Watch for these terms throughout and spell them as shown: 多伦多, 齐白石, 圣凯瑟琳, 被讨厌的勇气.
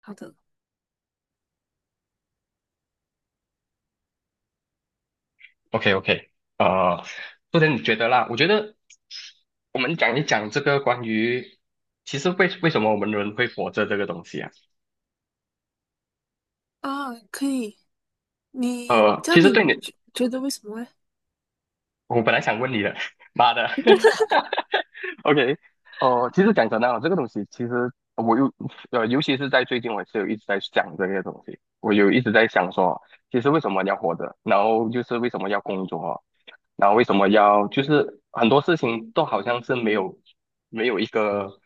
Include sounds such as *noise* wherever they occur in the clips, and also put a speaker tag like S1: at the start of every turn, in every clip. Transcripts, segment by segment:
S1: 好的
S2: OK OK，呃，不然你觉得啦？我觉得我们讲一讲这个关于，其实为什么我们人会活着这个东西啊？
S1: 啊，可以。你这
S2: 其
S1: 样
S2: 实
S1: 你
S2: 对你，
S1: 觉得为什么嘞？
S2: 我本来想问你的，*laughs* 妈的
S1: *laughs*
S2: *laughs*，OK，其实讲真的啊，这个东西其实我又尤其是在最近，我是有一直在想这些东西，我有一直在想说，其实为什么要活着，然后就是为什么要工作啊，然后为什么要就是很多事情都好像是没有一个，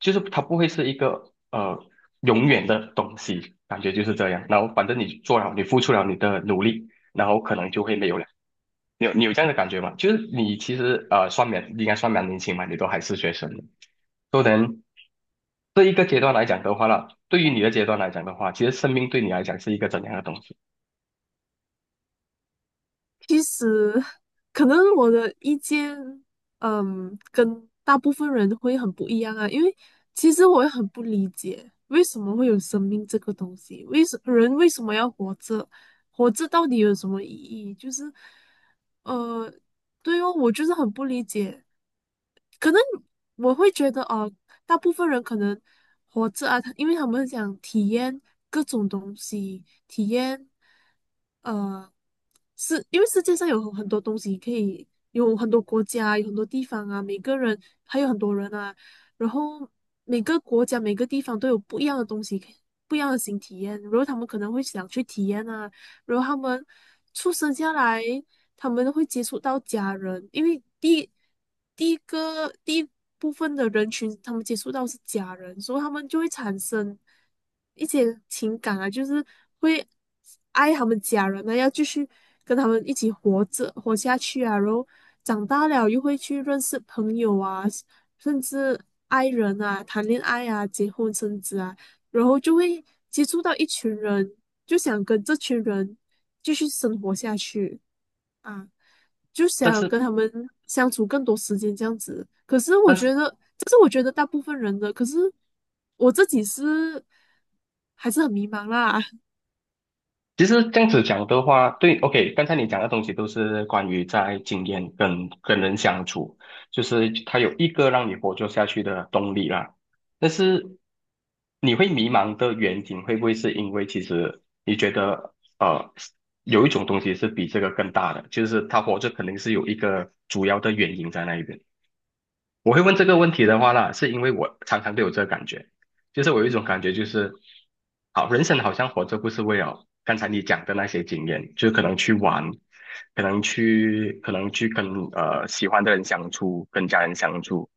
S2: 就是它不会是一个永远的东西，感觉就是这样。然后反正你做了，你付出了你的努力，然后可能就会没有了。你有这样的感觉吗？就是你其实呃算蛮应该算蛮年轻嘛，你都还是学生的都能这一个阶段来讲的话呢，对于你的阶段来讲的话，其实生命对你来讲是一个怎样的东西？
S1: 其实，可能我的意见，跟大部分人会很不一样啊。因为其实我也很不理解，为什么会有生命这个东西？为什么要活着？活着到底有什么意义？就是，呃，对哦，我就是很不理解。可能我会觉得哦，大部分人可能活着啊，他因为他们想体验各种东西，体验呃，是因为世界上有很多东西可以，有很多国家，有很多地方啊，每个人还有很多人啊，然后每个国家每个地方都有不一样的东西可以不一样的新体验，然后他们可能会想去体验啊，然后他们出生下来。他们会接触到家人，因为第一部分的人群，他们接触到是家人，所以他们就会产生一些情感啊，就是会爱他们家人啊，要继续跟他们一起活着活下去啊，然后长大了又会去认识朋友啊，甚至爱人啊，谈恋爱啊，结婚生子啊，然后就会接触到一群人，就想跟这群人继续生活下去啊。就
S2: 但
S1: 想
S2: 是
S1: 跟他们相处更多时间这样子。可是我
S2: 但是。
S1: 觉得，这是我觉得大部分人的。可是我自己是还是很迷茫啦。*laughs*
S2: 其实这样子讲的话，对，OK，刚才你讲的东西都是关于在经验跟人相处，就是他有一个让你活着下去的动力啦。但是你会迷茫的原因，会不会是因为其实你觉得呃有一种东西是比这个更大的，就是他活着肯定是有一个主要的原因在那一边。我会问这个问题的话呢，是因为我常常都有这个感觉，就是我有一种感觉，就是好，人生好像活着不是为了刚才你讲的那些经验，就是可能去玩，可能去跟喜欢的人相处，跟家人相处，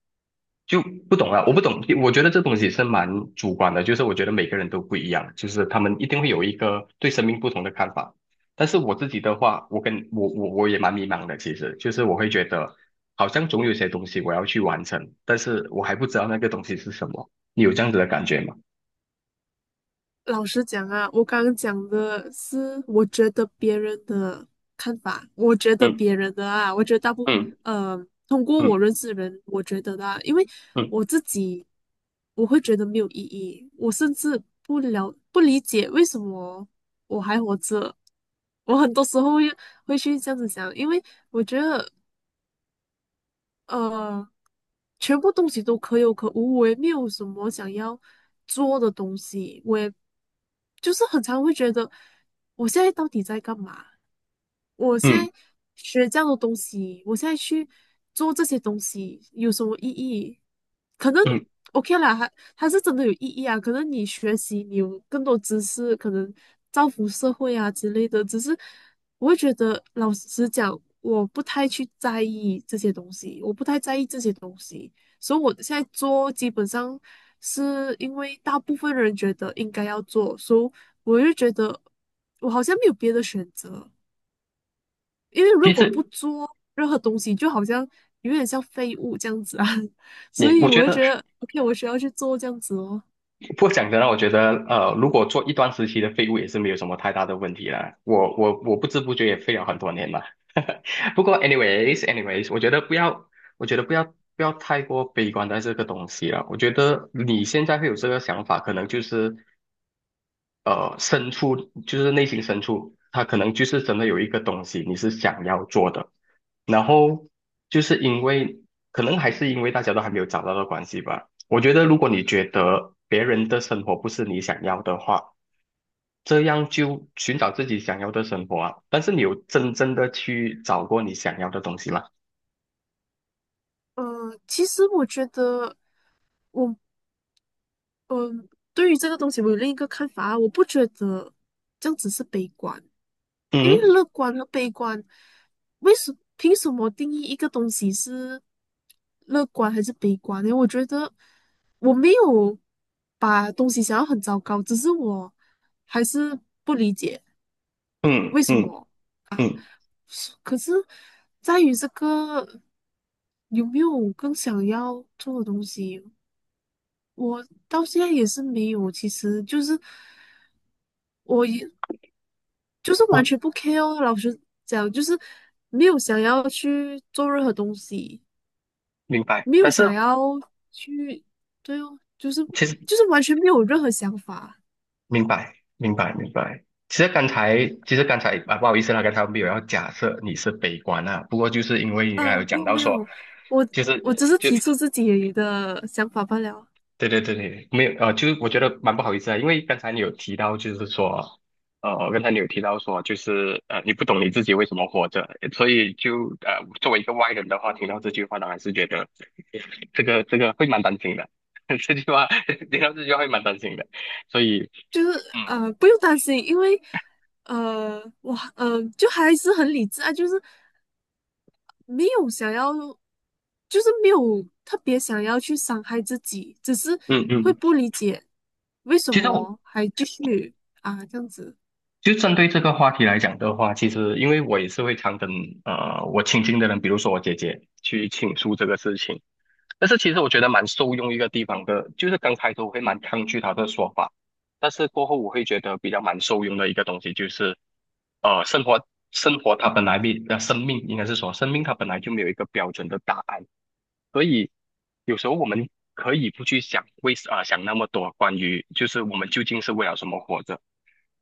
S2: 就不懂了，我不懂，我觉得这东西是蛮主观的，就是我觉得每个人都不一样，就是他们一定会有一个对生命不同的看法。但是我自己的话，我跟我我我也蛮迷茫的，其实就是我会觉得，好像总有些东西我要去完成，但是我还不知道那个东西是什么。你有这样子的感觉吗？
S1: 老实讲啊，我刚刚讲的是我觉得别人的看法，我觉得
S2: 嗯
S1: 别人的啊，我觉得
S2: 嗯
S1: 呃，通过我
S2: 嗯
S1: 认识的人，我觉得的啊，因为
S2: 嗯
S1: 我自己我会觉得没有意义，我甚至不理解为什么我还活着，我很多时候会去这样子想，因为我觉得呃。全部东西都可有可无，我也没有什么想要做的东西，我也就是很常会觉得，我现在到底在干嘛？我现
S2: 嗯
S1: 在学这样的东西，我现在去做这些东西有什么意义？可能
S2: 嗯。
S1: OK 啦，它是真的有意义啊。可能你学习，你有更多知识，可能造福社会啊之类的。只是我会觉得，老实讲，我不太去在意这些东西，我不太在意这些东西。所以我现在做基本上是因为大部分人觉得应该要做，所以我就觉得我好像没有别的选择，因为如
S2: 其
S1: 果不
S2: 实
S1: 做任何东西，就好像有点像废物这样子啊，*laughs* 所
S2: 你，
S1: 以
S2: 我觉
S1: 我就
S2: 得
S1: 觉得
S2: *laughs*，
S1: OK,我需要去做这样子哦。
S2: 不过讲真的，我觉得呃，如果做一段时期的废物也是没有什么太大的问题啦。我不知不觉也废了很多年了。*laughs* 不过 anyways anyways，我觉得不要太过悲观在这个东西了。我觉得你现在会有这个想法，可能就是呃深处，就是内心深处，他可能就是真的有一个东西你是想要做的，然后就是因为可能还是因为大家都还没有找到的关系吧。我觉得如果你觉得别人的生活不是你想要的话，这样就寻找自己想要的生活啊。但是你有真正的去找过你想要的东西吗？
S1: 嗯、其实我觉得我嗯、对于这个东西我有另一个看法啊，我不觉得这样子是悲观。因为
S2: 嗯
S1: 乐观和悲观，凭什么定义一个东西是乐观还是悲观呢？我觉得我没有把东西想要很糟糕，只是我还是不理解
S2: 嗯
S1: 为什
S2: 嗯
S1: 么啊。
S2: 嗯，
S1: 是可是在于这个有没有更想要做的东西，我到现在也是没有。其实就是。我。就是完
S2: 我
S1: 全不 care 哦，老实讲，就是没有想要去做任何东西，
S2: 明白。
S1: 没
S2: 但
S1: 有
S2: 是
S1: 想要去，对哦，
S2: 其实
S1: 就是完全没有任何想法。
S2: 明白，明白，明白。其实刚才啊，不好意思啦，刚才我没有要假设你是悲观啊。不过就是因为你刚才有
S1: 嗯，没
S2: 讲
S1: 有
S2: 到
S1: 没
S2: 说，
S1: 有，我
S2: 就是
S1: 我只是
S2: 就
S1: 提出自己的想法罢了。
S2: 对对对对，没有就是我觉得蛮不好意思啊，因为刚才你有提到，就是说，呃，刚才你有提到说，就是呃，你不懂你自己为什么活着，所以就作为一个外人的话，听到这句话，当然是觉得 *laughs* 这个会蛮担心的，*laughs* 这句话 *laughs* 听到这句话会蛮担心的，所以
S1: 就是
S2: 嗯
S1: 不用担心，因为就还是很理智啊，就是没有想要。就是没有特别想要去伤害自己，只是
S2: 嗯
S1: 会
S2: 嗯，
S1: 不理解为什
S2: 其实我。
S1: 么还继续啊这样子。
S2: 就针对这个话题来讲的话，其实因为我也是会常跟我亲近的人，比如说我姐姐去倾诉这个事情，但是其实我觉得蛮受用一个地方的，就是刚开头我会蛮抗拒她的说法，但是过后我会觉得比较蛮受用的一个东西就是，呃，生活它本来比呃生命应该是说生命它本来就没有一个标准的答案，所以有时候我们可以不去想想那么多关于就是我们究竟是为了什么活着。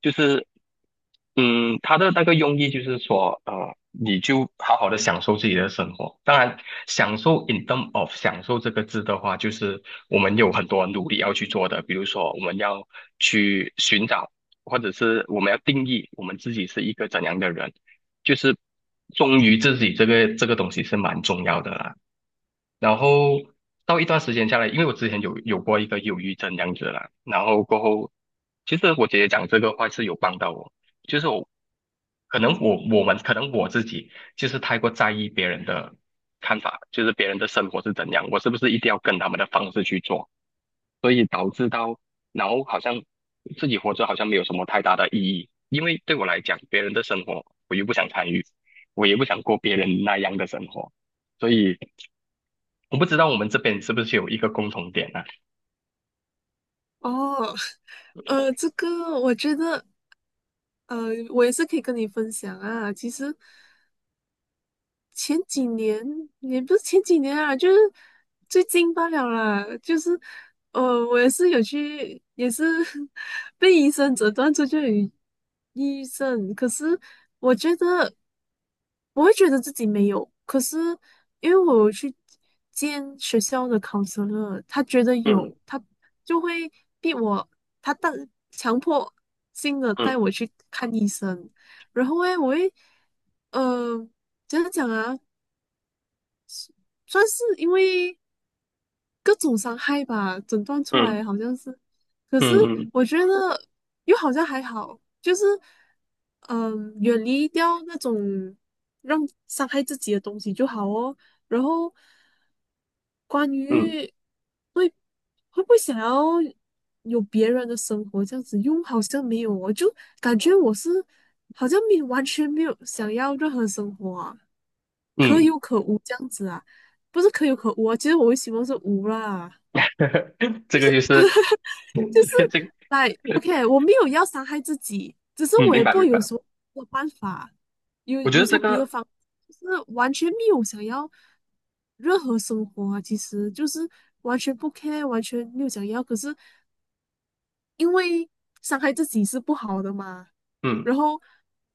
S2: 就是，嗯，他的那个用意就是说，呃，你就好好的享受自己的生活。当然，享受 in term of 享受这个字的话，就是我们有很多努力要去做的，比如说我们要去寻找，或者是我们要定义我们自己是一个怎样的人，就是忠于自己这个东西是蛮重要的啦。然后到一段时间下来，因为我之前有过一个忧郁症这样子啦，然后过后，其实我姐姐讲这个话是有帮到我，就是我可能我我们可能我自己就是太过在意别人的看法，就是别人的生活是怎样，我是不是一定要跟他们的方式去做，所以导致到好像自己活着好像没有什么太大的意义，因为对我来讲，别人的生活我又不想参与，我也不想过别人那样的生活。所以我不知道我们这边是不是有一个共同点啊？
S1: 哦，*laughs* 这个我觉得，呃，我也是可以跟你分享啊。其实前几年也不是前几年啊，就是最近罢了啦。就是，呃，我也是有去，也是 *laughs* 被医生诊断出就有抑郁症。可是我觉得，我会觉得自己没有。可是因为我有去见学校的 counselor,他觉得
S2: 嗯
S1: 有，他就会逼我，他带强迫性的
S2: 嗯
S1: 带我去看医生。然后诶，我会。呃怎样讲啊？算是因为各种伤害吧，诊断出
S2: 嗯
S1: 来好像是，可是
S2: 嗯嗯
S1: 我觉得又好像还好，就是嗯，远离掉那种让伤害自己的东西就好哦。然后关
S2: 嗯
S1: 于会会不会想要有别人的生活这样子，又好像没有哦，我就感觉我是好像没有完全没有想要任何生活啊，可
S2: 嗯，
S1: 有可无这样子啊，不是可有可无啊，其实我会希望是无啦。
S2: *laughs* 这个就是
S1: 就是
S2: *laughs* 这个，
S1: 来，OK,我没有要伤害自己，只是
S2: 嗯，
S1: 我
S2: 明
S1: 也
S2: 白
S1: 不
S2: 明
S1: 有
S2: 白。
S1: 时候没有办法，
S2: 我觉得
S1: 有时
S2: 这
S1: 候别的
S2: 个，
S1: 方就是完全没有想要任何生活啊，其实就是完全不 care,完全没有想要，可是因为伤害自己是不好的嘛，
S2: 嗯
S1: 然后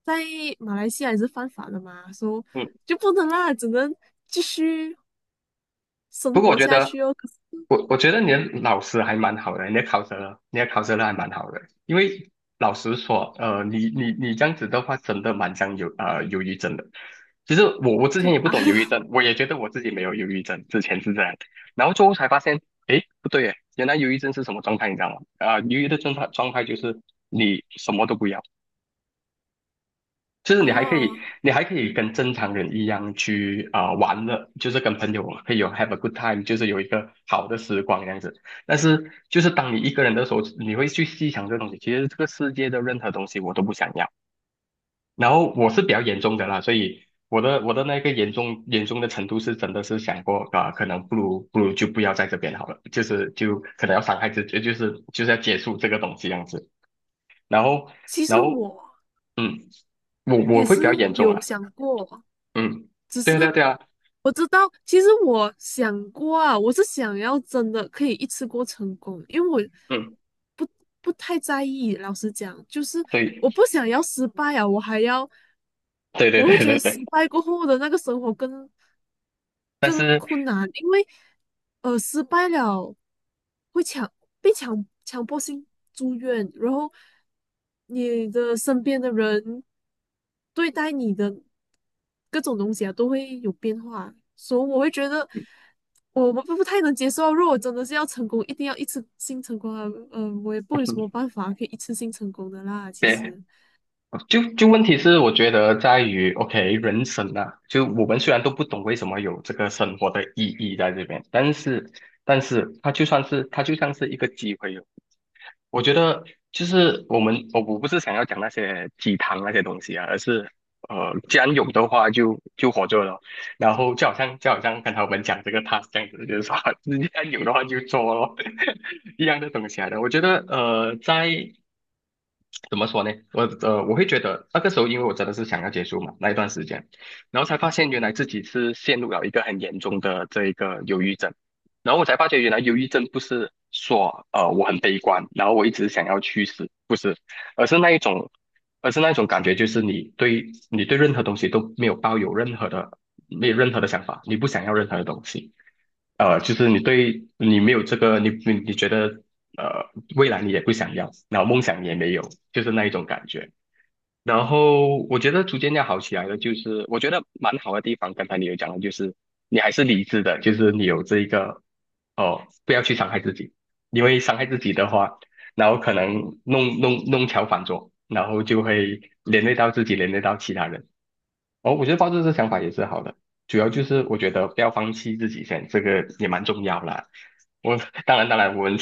S1: 在马来西亚也是犯法的嘛，说
S2: 嗯，
S1: 就不能啦，只能继续生
S2: 不过我
S1: 活
S2: 觉
S1: 下
S2: 得
S1: 去哦。可是
S2: 我觉得你的老师还蛮好的，你的考试了还蛮好的。因为老实说，呃，你这样子的话，真的蛮像有呃忧郁症的。其实我之
S1: 真
S2: 前
S1: 的
S2: 也不
S1: 啊，
S2: 懂忧郁症，我也觉得我自己没有忧郁症，之前是这样，然后最后才发现，诶，不对耶，原来忧郁症是什么状态，你知道吗？啊、忧郁的状态就是你什么都不要，就是你还可
S1: 哦，
S2: 以，你还可以跟正常人一样去啊、玩的，就是跟朋友可以有 have a good time，就是有一个好的时光这样子。但是就是当你一个人的时候，你会去细想这个东西，其实这个世界的任何东西我都不想要。然后我是比较严重的啦，所以我的那个严重的程度是真的是想过啊、可能不如就不要在这边好了，就是就可能要伤害自己，就是要结束这个东西这样子。然后
S1: 其实
S2: 然后
S1: 我
S2: 嗯，我
S1: 也
S2: 会
S1: 是
S2: 比较严重
S1: 有
S2: 啊。
S1: 想过。
S2: 嗯，
S1: 只
S2: 对
S1: 是
S2: 啊，对啊，对啊，
S1: 我知道，其实我想过啊，我是想要真的可以一次过成功，因为我
S2: 嗯，
S1: 不不太在意。老实讲，就是
S2: 对，
S1: 我不想要失败啊，我还要，
S2: 对对
S1: 我会
S2: 对
S1: 觉
S2: 对
S1: 得
S2: 对，
S1: 失败过后的那个生活
S2: 但
S1: 更
S2: 是，
S1: 困难，因为失败了会强被强迫性住院，然后你的身边的人对待你的各种东西啊，都会有变化，所以我会觉得我们不太能接受。如果真的是要成功，一定要一次性成功啊，我也不有什么办法可以一次性成功的啦。其
S2: 对，
S1: 实
S2: 就问题是，我觉得在于，OK，人生啊，就我们虽然都不懂为什么有这个生活的意义在这边，但是，但是它就算是它就像是一个机会哦，我觉得就是我们，我我不是想要讲那些鸡汤那些东西啊，而是呃，既然有的话就活着了，然后就好像刚才我们讲这个 task 这样子，就是说 *laughs* 既然有的话就做咯，*laughs* 一样的东西来的。我觉得呃，在怎么说呢？我我会觉得那个时候，因为我真的是想要结束嘛，那一段时间，然后才发现原来自己是陷入了一个很严重的这一个忧郁症，然后我才发觉原来忧郁症不是说我很悲观，然后我一直想要去死，不是，而是那一种，而是那一种感觉，就是你对任何东西都没有抱有任何的没有任何的想法，你不想要任何的东西。就是你对你没有这个，你觉得呃，未来你也不想要，然后梦想也没有，就是那一种感觉。然后我觉得逐渐要好起来的，就是我觉得蛮好的地方，刚才你有讲到，就是你还是理智的，就是你有这一个哦，不要去伤害自己，因为伤害自己的话，然后可能弄巧反拙，然后就会连累到自己，连累到其他人。哦，我觉得抱着这想法也是好的，主要就是我觉得不要放弃自己先，这个也蛮重要啦。我当然，我们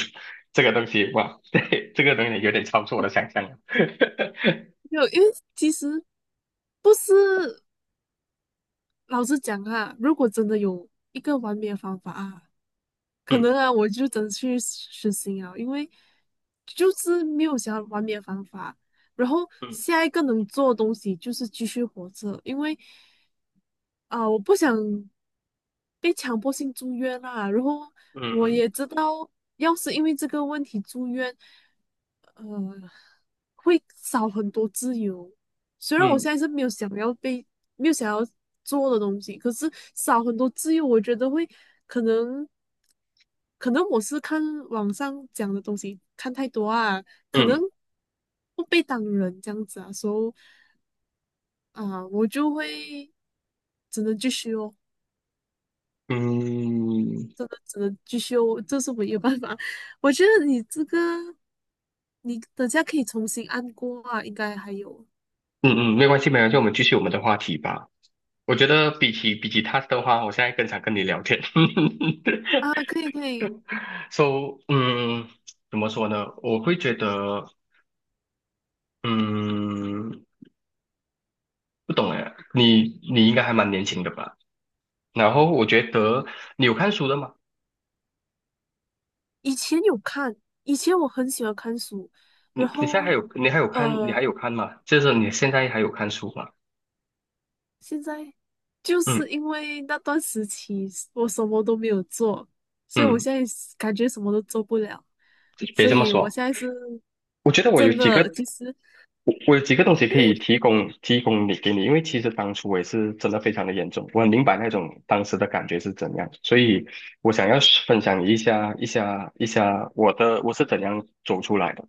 S2: 这个东西哇，*laughs* 对，这个东西有点超出我的想象了。*laughs*
S1: 没有，因为其实不是，老实讲啊，如果真的有一个完美的方法啊。可能
S2: 嗯
S1: 啊，我就真的去实行啊，因为就是没有想要完美的方法。然后
S2: 嗯
S1: 下一个能做的东西就是继续活着，因为啊、我不想被强迫性住院啦。然后我
S2: 嗯
S1: 也知道，要是因为这个问题住院，呃，会少很多自由。虽然我
S2: 嗯
S1: 现在是没有想要被没有想要做的东西，可是少很多自由，我觉得会可能。可能我是看网上讲的东西看太多啊，可
S2: 嗯
S1: 能
S2: 嗯
S1: 不被当人这样子啊，所以啊，我就会只能继续哦，真的只能继续哦，这是唯一的办法。*laughs* 我觉得你这个，你等下可以重新按过啊，应该还有
S2: 嗯嗯，没关系没关系，我们继续我们的话题吧。我觉得比起他的话，我现在更想跟你聊天。*laughs*
S1: 啊，可以可以。
S2: So，嗯，怎么说呢？我会觉得，嗯。不懂哎，你应该还蛮年轻的吧？然后我觉得你有看书的吗？
S1: 以前有看，以前我很喜欢看书，
S2: 你
S1: 然
S2: 你现在还
S1: 后
S2: 有你还有看
S1: 嗯
S2: 你还
S1: 呃，
S2: 有看吗？就是你现在还有看书吗？
S1: 现在就
S2: 嗯
S1: 是因为那段时期我什么都没有做，所以我
S2: 嗯，
S1: 现在是感觉什么都做不了，
S2: 别
S1: 所
S2: 这么
S1: 以我
S2: 说，
S1: 现在是
S2: 我觉得我有
S1: 真
S2: 几
S1: 的，
S2: 个
S1: 其实
S2: 我有几个东西
S1: 因
S2: 可
S1: 为
S2: 以提供你给你，因为其实当初我也是真的非常的严重，我很明白那种当时的感觉是怎样，所以我想要分享一下我的我是怎样走出来的。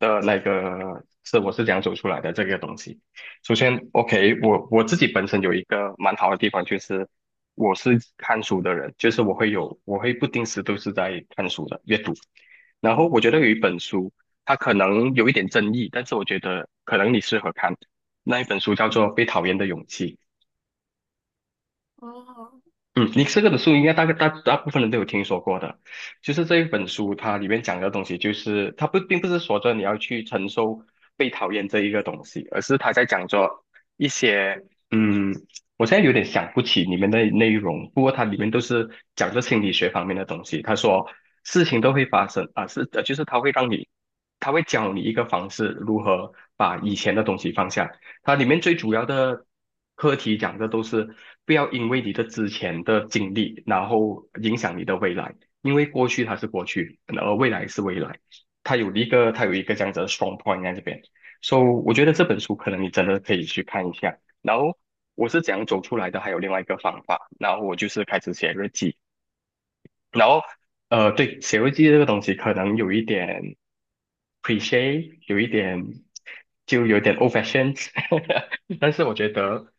S2: 的那个是我是怎样走出来的这个东西。首先，OK，我自己本身有一个蛮好的地方，就是我是看书的人，就是我会有我会不定时都是在看书的阅读。然后我觉得有一本书，它可能有一点争议，但是我觉得可能你适合看。那一本书叫做《被讨厌的勇气》，
S1: 哦，
S2: 嗯，你这个的书应该大概大部分人都有听说过的，就是这一本书它里面讲的东西，就是它不并不是说着你要去承受被讨厌这一个东西，而是他在讲着一些，嗯，我现在有点想不起里面的内容，不过它里面都是讲着心理学方面的东西。他说事情都会发生啊，是就是他会让你，他会教你一个方式如何把以前的东西放下。它里面最主要的课题讲的都是不要因为你的之前的经历，然后影响你的未来，因为过去它是过去，而未来是未来。它有一个，它有一个这样子的 strong point 在这边。So，我觉得这本书可能你真的可以去看一下。然后我是怎样走出来的，还有另外一个方法。然后我就是开始写日记，然后，对，写日记这个东西可能有一点 c l i c h e 有一点就有点 old fashioned，*laughs* 但是我觉得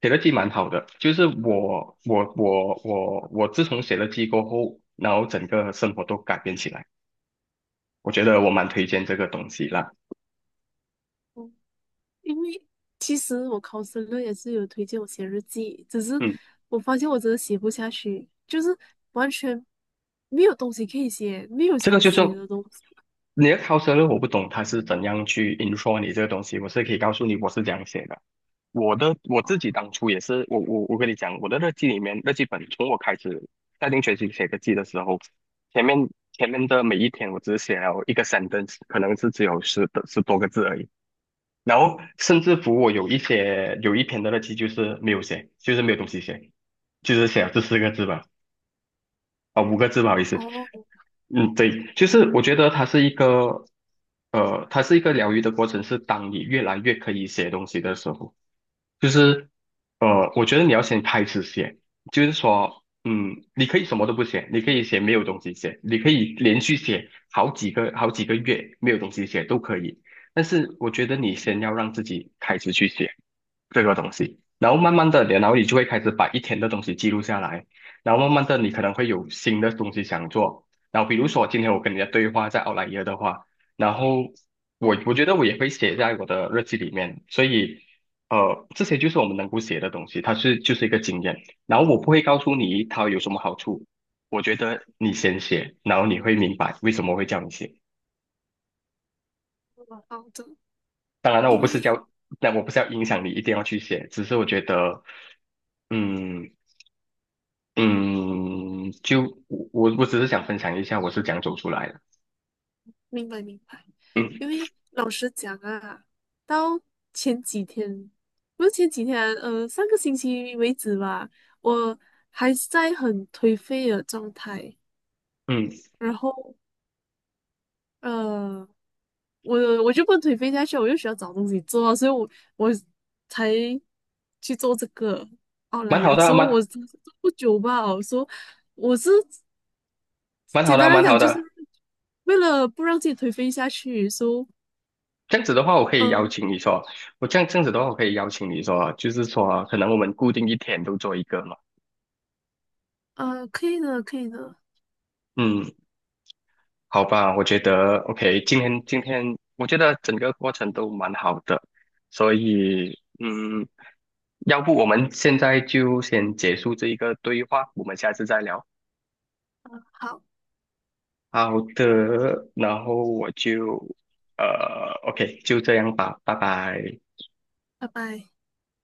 S2: 写日记蛮好的。就是我自从写了记过后，然后整个生活都改变起来。我觉得我蛮推荐这个东西啦。
S1: 嗯，因为其实我考生论也是有推荐我写日记，只是
S2: 嗯，
S1: 我发现我真的写不下去，就是完全没有东西可以写，没有
S2: 这个
S1: 想
S2: 就是
S1: 写的东西。
S2: 你的 c u l 我不懂他是怎样去 intro 你这个东西，我是可以告诉你我是怎样写的。我的我
S1: 哦
S2: 自己当初也是，我跟你讲，我的日记里面日记本，从我开始下定决心写日记的时候，前面前面的每一天，我只写了一个 sentence，可能是只有十的十多个字而已。然后甚至乎我有一些有一篇的日记就是没有写，就是没有东西写，就是写了这四个字吧，啊、五个字不好意思，
S1: 哦
S2: 嗯，对，就是我觉得它是一个，它是一个疗愈的过程，是当你越来越可以写东西的时候。就是我觉得你要先开始写，就是说，嗯，你可以什么都不写，你可以写没有东西写，你可以连续写好几个月没有东西写都可以，但是我觉得你先要让自己开始去写。这个东西，然后慢慢的，然后你就会开始把一天的东西记录下来，然后慢慢的，你可能会有新的东西想做，然后比如说今天我跟你的对话在奥莱耶的话，然后我
S1: 哦，
S2: 我觉得我也会写在我的日记里面，所以这些就是我们能够写的东西，它是就是一个经验，然后我不会告诉你它有什么好处，我觉得你先写，然后你会明白为什么会叫你写。
S1: 好的，
S2: 当然了，我
S1: 因
S2: 不是
S1: 为
S2: 叫，那我不是要影响你一定要去写，只是我觉得，嗯。嗯，就我只是想分享一下我是怎样走出来的。
S1: 明白明白，
S2: 嗯
S1: 因为老实讲啊，到前几天，不是前几天上个星期为止吧，我还是在很颓废的状态，
S2: 嗯，
S1: 然后呃，我我就不能颓废下去，我又需要找东西做啊，所以我才去做这个。哦，来，
S2: 蛮好
S1: 有时
S2: 的，
S1: 候我
S2: 蛮
S1: 真是做不久吧，我说我是
S2: 蛮好
S1: 简
S2: 的，
S1: 单来
S2: 蛮
S1: 讲
S2: 好
S1: 就是
S2: 的。
S1: 为了不让自己颓废下去，说。
S2: 这样子的话，我可以邀
S1: 呃
S2: 请你说，我这样子的话，我可以邀请你说，就是说，可能我们固定一天都做一个嘛。
S1: 可以的，可以的，
S2: 嗯，好吧，我觉得 OK，今天我觉得整个过程都蛮好的，所以嗯，要不我们现在就先结束这一个对话，我们下次再聊。
S1: 好，
S2: 好的，然后我就呃，OK，就这样吧，拜拜。
S1: 拜拜。